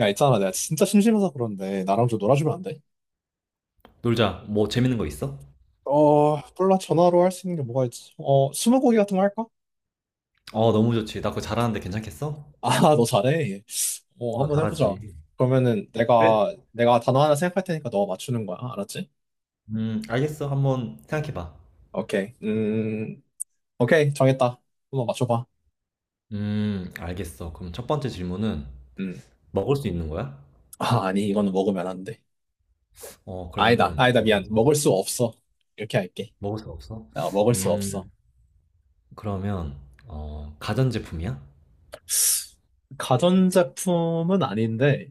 야, 있잖아. 내가 진짜 심심해서 그런데 나랑 좀 놀아주면 안 돼? 놀자. 뭐 재밌는 거 있어? 어, 몰라. 전화로 할 수 있는 게 뭐가 있지? 어, 스무고개 같은 거 할까? 너무 좋지. 나 그거 잘하는데 괜찮겠어? 아, 너 잘해. 어, 나 한번 해보자. 잘하지. 그러면은 그래. 내가 단어 하나 생각할 테니까 너 맞추는 거야. 알았지? 알겠어. 한번 생각해봐. 오케이. 오케이. 정했다. 한번 맞춰봐. 알겠어. 그럼 첫 번째 질문은 음. 먹을 수 있는 거야? 아, 아니, 이거는 먹으면 안 돼. 아니다, 그러면은 아니다, 두 번째. 미안. 먹을 수 없어. 이렇게 할게. 먹을 수 없어? 아, 먹을 수 없어. 음, 그러면 가전제품이야? 가전제품은 아닌데,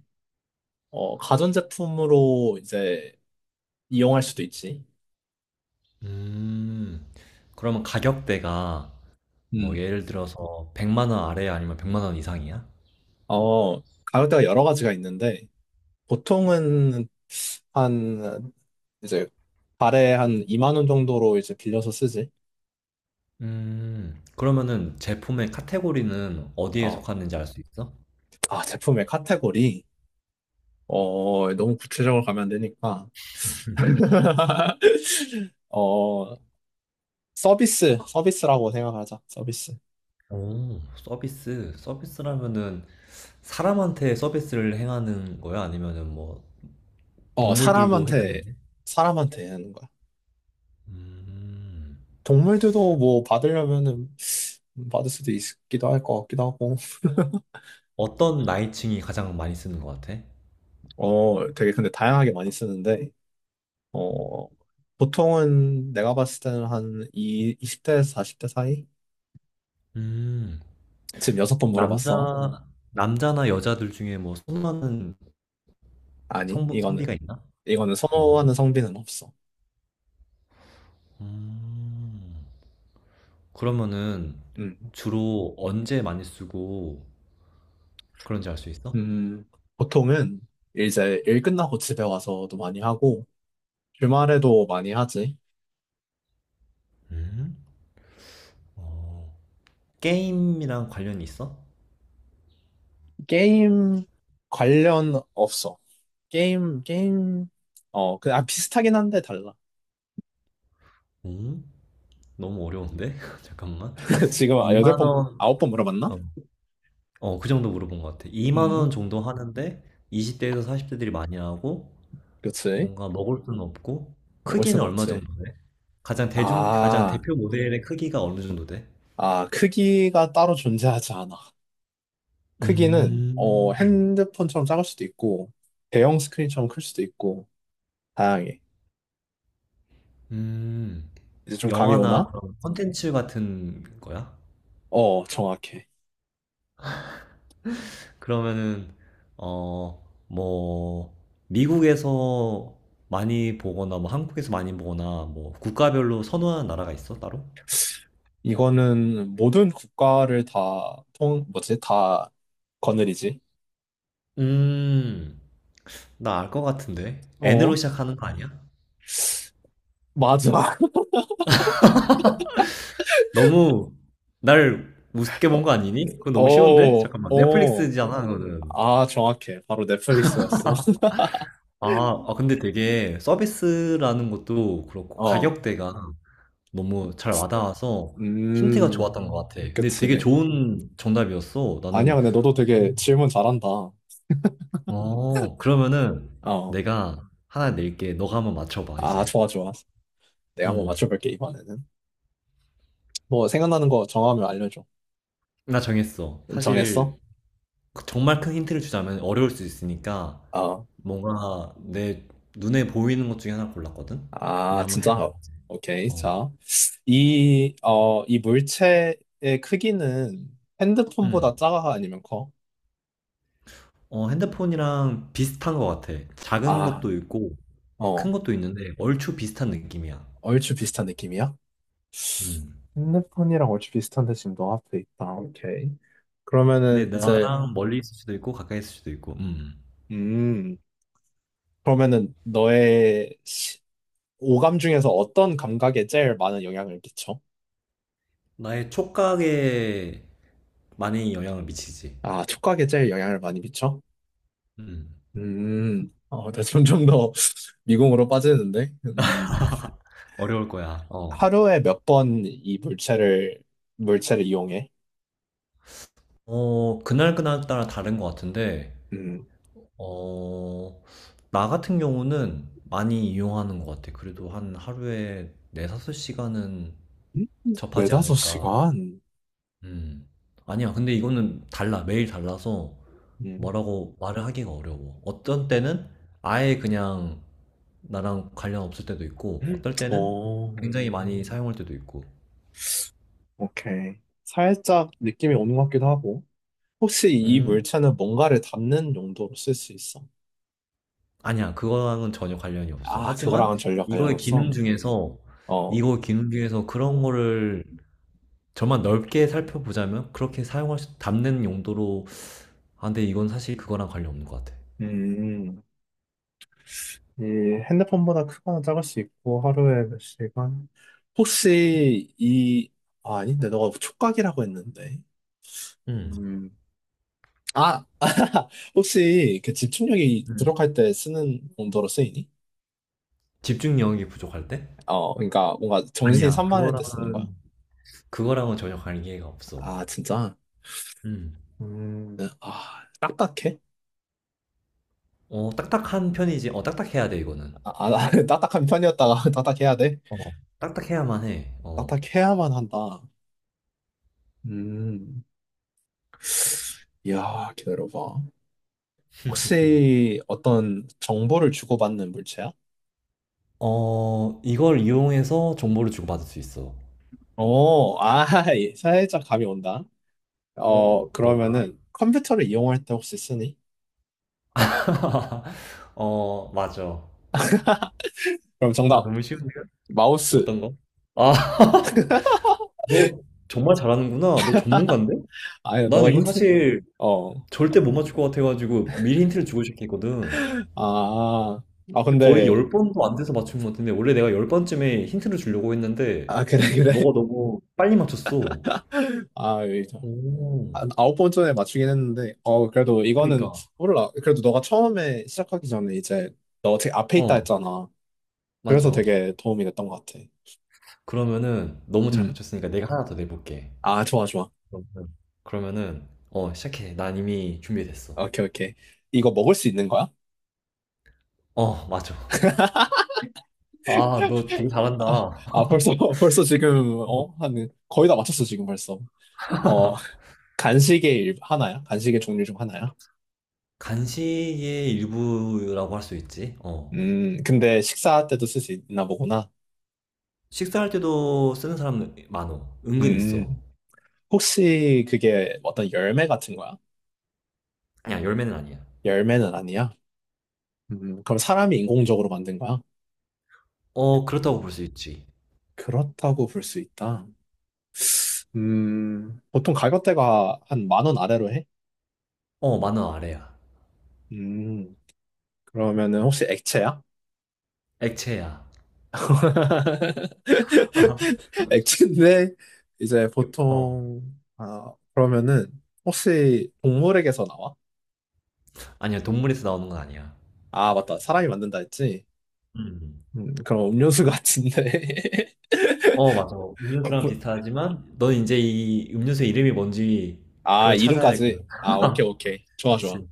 어, 가전제품으로 이제 이용할 수도 있지. 음, 그러면 가격대가 뭐 음, 예를 들어서 100만 원 아래 아니면 100만 원 이상이야? 어, 가격대가 여러 가지가 있는데, 보통은 한, 이제, 달에 한 2만 원 정도로 이제 빌려서 쓰지. 그러면은 제품의 카테고리는 어디에 어, 속하는지 알 수 있어? 아, 제품의 카테고리. 어, 너무 구체적으로 가면 안 되니까. 어, 서비스, 서비스라고 생각하자, 서비스. 오, 서비스. 서비스라면은 사람한테 서비스를 행하는 거야? 아니면은 뭐 어, 동물들도 해당이 사람한테, 네 사람한테 하는 거야. 음, 동물들도 뭐 받으려면은 받을 수도 있기도 할 것 같기도 하고. 어떤 나이층이 가장 많이 쓰는 것 같아? 어, 되게 근데 다양하게 많이 쓰는데, 어, 보통은 내가 봤을 때는 한 이, 20대에서 40대 사이? 음, 지금 6번 남자, 물어봤어. 남자나 여자들 중에 뭐 선호하는 아니, 성비가 이거는, 있나? 이거는 어, 선호하는 성비는 없어. 음. 그러면은 음, 주로 언제 많이 쓰고 그런지 알 수 있어? 음, 보통은 이제 일 끝나고 집에 와서도 많이 하고, 주말에도 많이 하지. 음? 어, 게임이랑 관련이 있어? 게임 관련 없어. 게임, 게임, 어, 그, 아, 비슷하긴 한데 달라. 오? 너무 어려운데? 잠깐만. 지금 여덟 2만 번, 원, 9번 물어봤나? 어, 그 정도 물어본 것 같아. 2만 원 음, 정도 하는데 20대에서 40대들이 많이 하고 그치. 뭔가 먹을 수는 없고 먹을 크기는 순 얼마 없지. 정도 돼? 가장 가장 아. 대표 모델의 크기가 어느 정도 돼? 아, 크기가 따로 존재하지 않아. 크기는 어, 음, 핸드폰처럼 작을 수도 있고 대형 스크린처럼 클 수도 있고 다양해. 음, 이제 좀 감이 영화나 오나? 그런 콘텐츠 같은 거야? 어, 정확해. 그러면은, 어, 뭐, 미국에서 많이 보거나, 뭐, 한국에서 많이 보거나, 뭐, 국가별로 선호하는 나라가 있어, 따로? 이거는 모든 국가를 다 통, 뭐지? 다 거느리지. 음, 나 알 것 같은데. N으로 어, 시작하는 거 아니야? 맞아. 너무 날 우습게 본 거 아니니? 그건 너무 쉬운데? 어, 잠깐만, 어. 넷플릭스잖아, 그거는. 아, 정확해. 바로 넷플릭스였어. 아, 근데 되게 서비스라는 것도 그렇고 어. 가격대가 너무 잘 와닿아서 힌트가 음, 좋았던 것 같아. 근데 되게 그치. 좋은 정답이었어. 아니야, 나는, 근데 너도 되게 질문 잘한다. 어. 어, 그러면은 내가 하나 낼게. 너가 한번 맞춰봐, 아, 이제. 좋아, 좋아. 내가 한번 음, 맞춰볼게, 이번에는. 뭐, 생각나는 거 정하면 알려줘. 나 정했어. 정했어? 사실 그 정말 큰 힌트를 주자면 어려울 수 있으니까 아, 뭔가 내 눈에 보이는 것 중에 하나 골랐거든? 아, 그냥 한번 진짜? 해봐. 어. 오케이. 어. 자, 이, 어, 이 물체의 크기는 음. 핸드폰보다 작아 아니면 커? 핸드폰이랑 비슷한 것 같아. 작은 아, 것도 있고 어, 큰 것도 있는데 얼추 비슷한 느낌이야. 얼추 비슷한 느낌이야? 음. 핸드폰이랑 얼추 비슷한데 지금 너 앞에 있다. 오케이. 근데 그러면은 이제, 나랑 멀리 있을 수도 있고 가까이 있을 수도 있고. 음. 음, 그러면은 너의 시- 오감 중에서 어떤 감각에 제일 많은 영향을 끼쳐? 나의 촉각에 많이 영향을 미치지. 아, 촉각에 제일 영향을 많이 미쳐? 음. 어, 나 점점 더 미궁으로 빠지는데? 어려울 거야. 어. 하루에 몇 번 이 물체를, 물체를 이용해? 그날그날 따라 다른 것 같은데 음, 어, 나 같은 경우는 많이 이용하는 것 같아. 그래도 한 하루에 4, 5시간은 음, 접하지 네다섯 않을까. 아, 시간? 음. 아니야. 근데 이거는 달라. 매일 달라서 음, 뭐라고 말을 하기가 어려워. 어떤 때는 아예 그냥 나랑 관련 없을 때도 있고, 어떨 때는 어, 굉장히 많이 사용할 때도 있고. 오케이. 살짝 느낌이 오는 것 같기도 하고. 혹시 이 음? 물체는 뭔가를 담는 용도로 쓸 수 있어? 아니야. 그거랑은 전혀 관련이 없어. 아, 하지만 그거랑은 전혀 관련 이거의 기능 없어? 중에서, 어, 이거 기능 중에서 그런 거를 저만 넓게 살펴보자면 그렇게 사용할 수, 담는 용도로, 아, 근데 이건 사실 그거랑 관련 없는 것 같아. 음, 이 핸드폰보다 크거나 작을 수 있고 하루에 몇 시간? 혹시 이 아, 아닌데 너가 촉각이라고 했는데 음. 음. 아 혹시 그 집중력이 음. 부족할 때 쓰는 용도로 쓰이니? 집중력이 부족할 때? 어 그러니까 뭔가 정신이 아니야, 산만할 때 쓰는 거야? 그거랑은 전혀 관계가 없어. 아 진짜? 음. 음. 아 딱딱해? 어, 딱딱한 편이지. 어, 딱딱해야 돼, 이거는. 아, 아 딱딱한 편이었다가 딱딱해야 돼? 어. 딱딱해야만 해. 어. 딱딱해야만 한다. 음. 이야 기다려봐. 혹시 어떤 정보를 주고받는 물체야? 어, 이걸 이용해서 정보를 주고받을 수 있어. 오, 아, 예, 살짝 감이 온다. 어, 어, 뭘까? 그러면은 컴퓨터를 이용할 때 혹시 쓰니? 어, 맞아. 그럼 아, 정답, 너무 쉬운데요? 마우스. 어떤 거? 아, 너 정말 잘하는구나. 너 전문가인데? 아니, 난 너가 이거 힌트? 사실 어, 절대 못 맞출 것 같아가지고 미리 힌트를 주고 시작했거든. 아, 아, 근데 거의 근데, 10번도 안 돼서 맞춘 것 같은데 원래 내가 10번쯤에 힌트를 주려고 했는데 아, 그래, 그래. 너가 너무 빨리 맞췄어. 아, 여기 저- 오, 아, 9번 전에 맞추긴 했는데, 어, 그래도 이거는, 그니까. 몰라. 그래도 너가 처음에 시작하기 전에 이제 너 되게 앞에 있다 어, 했잖아. 그래서 맞아. 되게 도움이 됐던 것 같아. 그러면은 너무 잘 음, 맞췄으니까 내가 하나 더 내볼게. 아, 좋아, 좋아. 그러면은, 그러면은, 어, 시작해. 난 이미 준비됐어. 오케이, 오케이. 이거 먹을 수 있는 거야? 어, 맞아. 아, 너 되게 아, 잘한다. 아, 벌써, 벌써 지금, 어? 어. 한, 거의 다 맞췄어, 지금 벌써. 어, 간식의 일, 하나야? 간식의 종류 중 하나야? 간식의 일부라고 할 수 있지. 어. 근데 식사할 때도 쓸 수 있나 보구나. 식사할 때도 쓰는 사람 많어. 은근 있어. 음, 혹시 그게 어떤 열매 같은 거야? 아니야, 열매는 아니야. 열매는 아니야? 그럼 사람이 인공적으로 만든 거야? 어, 그렇다고 볼 수 있지. 그렇다고 볼 수 있다. 보통 가격대가 한 만 원 아래로 해? 어, 만원 아래야. 음, 그러면은 혹시 액체야? 액체야. 액체인데 이제 어. 보통 아 그러면은 혹시 동물에게서 나와? 아니야, 동물에서 나오는 건 아니야. 아 맞다 사람이 만든다 했지. 음. 그럼 음료수 같은데. 어, 맞아. 음료수랑 비슷하지만, 넌 이제 이 음료수 이름이 뭔지 아 그걸 찾아야 될 거야. 이름까지. 아 오케이 오케이 좋아 그렇지. 좋아.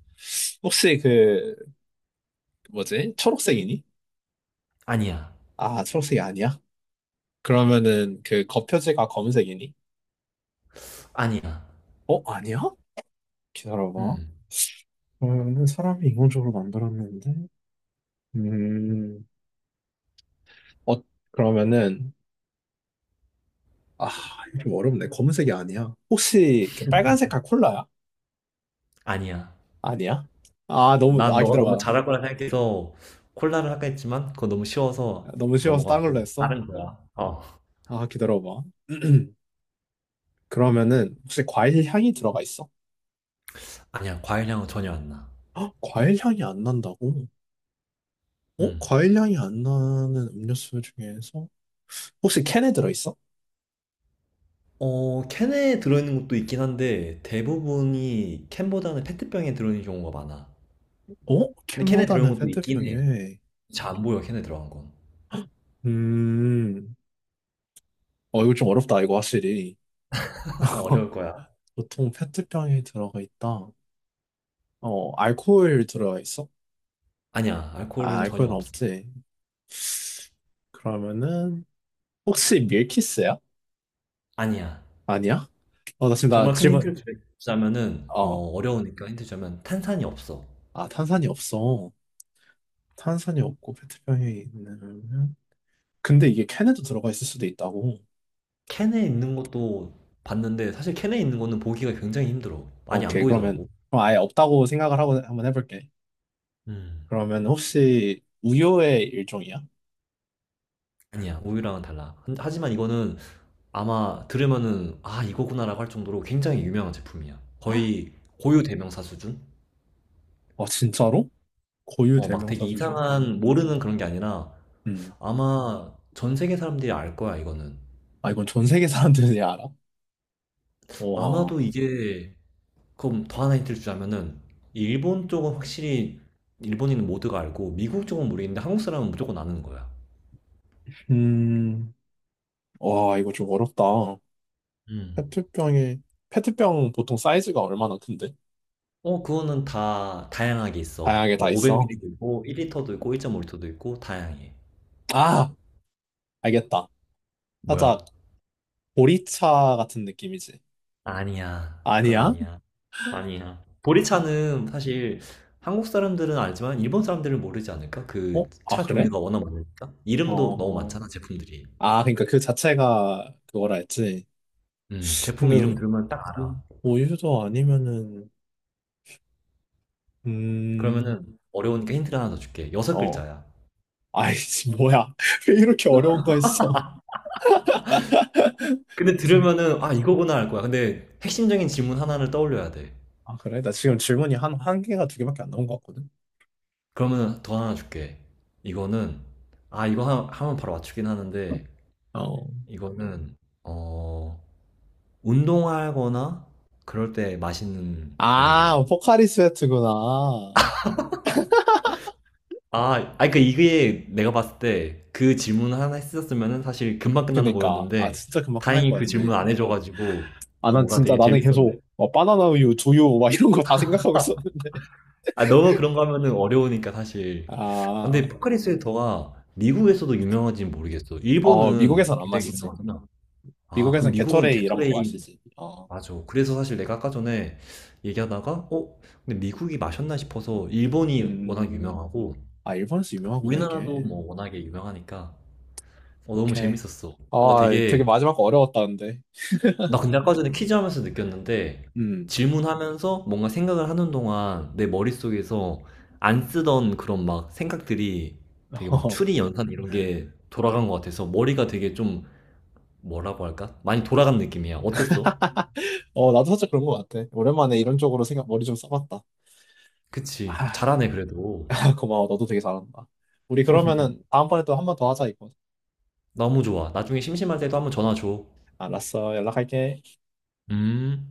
혹시 그 뭐지 초록색이니? 아니야. 아 초록색이 아니야? 그러면은 그 겉표지가 검은색이니? 아니야. 어 아니야? 기다려봐. 음, 그러면은 사람이 인공적으로 만들었는데. 음 어, 그러면은 아, 이거 좀 어렵네. 검은색이 아니야. 혹시 그 빨간색깔 콜라야? 아니야. 아니야? 아, 너무, 난 아, 너가 너무 기다려봐. 잘할 거라 생각해서 콜라를 할까 했지만, 그거 너무 쉬워서 너무 쉬워서 다른 걸로 넘어갔고, 했어. 다른 거야. 어. 아, 기다려봐. 그러면은 혹시 과일 향이 들어가 있어? 아니야, 과일향은 전혀 안 나. 헉, 과일 향이 안 난다고? 어? 음. 과일 향이 안 나는 음료수 중에서 혹시 캔에 들어있어? 어, 캔에 들어있는 것도 있긴 한데 대부분이 캔보다는 페트병에 들어있는 경우가 많아. 어? 근데 캔에 캔보다는 들어있는 것도 있긴 해. 페트병에. 잘 안 보여, 캔에 들어간 건. 음, 어, 이거 좀 어렵다, 이거 확실히. 그거 어려울 거야. 보통 페트병에 들어가 있다. 어, 알코올 들어가 있어? 아니야, 아, 알코올은 전혀 알코올은 없어. 없지. 그러면은 혹시 밀키스야? 아니야. 아니야? 어, 나 지금 나 정말 큰 질문 힌트를 주자면은 어, 어, 어려우니까 힌트 주자면 탄산이 없어. 아 탄산이 없어. 탄산이 없고 페트병에 있는 근데 이게 캔에도 들어가 있을 수도 있다고. 캔에 있는 것도 봤는데 사실 캔에 있는 거는 보기가 굉장히 힘들어. 많이 안 오케이 그러면 보이더라고. 그럼 아예 없다고 생각을 하고 한번 해볼게. 음. 그러면 혹시 우유의 일종이야? 아니야, 우유랑은 달라. 하지만 이거는 아마 들으면은 아 이거구나라고 할 정도로 굉장히 유명한 제품이야. 아 거의 고유 대명사 수준? 진짜로? 고유 어, 막 되게 대명사 수준. 이상한 모르는 그런 게 아니라 음. 아마 전 세계 사람들이 알 거야 이거는. 아 이건 전 세계 사람들이 알아? 와. 아마도 이게 그럼 더 하나 힌트를 주자면은 일본 쪽은 확실히 일본인 모두가 알고 미국 쪽은 모르겠는데 한국 사람은 무조건 아는 거야. 음. 와 이거 좀 어렵다. 음. 페트병에 페트병 보통 사이즈가 얼마나 큰데? 어 그거는 다 다양하게 있어. 다양하게 뭐 다 있어. 500ml도 있고 1L도 있고 1.5L도 있고 다양해. 아, 알겠다. 뭐야? 살짝 보리차 같은 느낌이지. 아니야. 그건 아니야? 아니야. 아니야. 아, 보리차는 사실 한국 사람들은 알지만 일본 사람들은 모르지 않을까? 그 어? 아, 차 그래? 종류가 워낙 많으니까. 이름도 너무 어. 많잖아, 제품들이. 아, 그러니까 그 자체가 그거라 했지. 제품 근데 이름 들으면 딱 알아. 우- 우유도 아니면은 음. 그러면은 어려우니까 힌트를 하나 더 줄게. 여섯 어. 글자야. 아이씨, 뭐야. 왜 이렇게 어려운 거 했어? 근데 그래서, 들으면은 아, 이거구나 알 거야. 근데 핵심적인 질문 하나를 떠올려야 돼. 아, 그래? 나 지금 질문이 한, 한 개가 두 개밖에 안 나온 것 같거든. 그러면 더 하나 줄게. 이거는 아, 이거 하면 바로 맞추긴 하는데 어. 이거는 어, 운동하거나 그럴 때 마시는 아, 용도야. 포카리 스웨트구나. 아, 아니, 그, 이게 내가 봤을 때 그 질문 하나 했었으면 사실 금방 끝나는 그니까. 아, 거였는데, 진짜 금방 끝날 다행히 것 그 같네. 질문 안 해줘가지고, 아, 난 뭔가 진짜 되게 나는 재밌었네. 계속 뭐 바나나 우유, 두유 막 이런 거 다 생각하고 있었는데 아, 너무 그런 거 하면은 어려우니까 사실. 아, 근데 아, 포카리 스웨터가 미국에서도 유명한지는 모르겠어. 어, 일본은 미국에선 안 굉장히 마시지. 유명하구나. 아, 그럼 미국에선 미국은 게토레이 이런 거 게토레이, 마시지. 어, 맞아. 그래서 사실 내가 아까 전에 얘기하다가, 어? 근데 미국이 마셨나 싶어서 일본이 워낙 음, 유명하고, 아, 일본에서 유명하구나, 우리나라도 이게. 뭐 워낙에 유명하니까 어, 너무 오케이. 재밌었어. 뭔가 아, 되게 되게 마지막 거 어려웠다는데. 나 근데 아까 전에 퀴즈 하면서 느꼈는데 음, 질문하면서 뭔가 생각을 하는 동안 내 머릿속에서 안 쓰던 그런 막 생각들이 되게 막 추리 연산 이런 게 돌아간 것 같아서 머리가 되게 좀 뭐라고 할까? 많이 돌아간 느낌이야. 어땠어? 어, 나도 살짝 그런 것 같아. 오랜만에 이런 쪽으로 생각, 머리 좀 써봤다. 그치. 아, 잘하네 그래도. 고마워. 너도 되게 잘한다. 우리 그러면은 다음번에 또 한 번 더 하자, 이거. 너무 좋아. 나중에 심심할 때도 한번 전화 줘. 알았어. 연락할게. 음.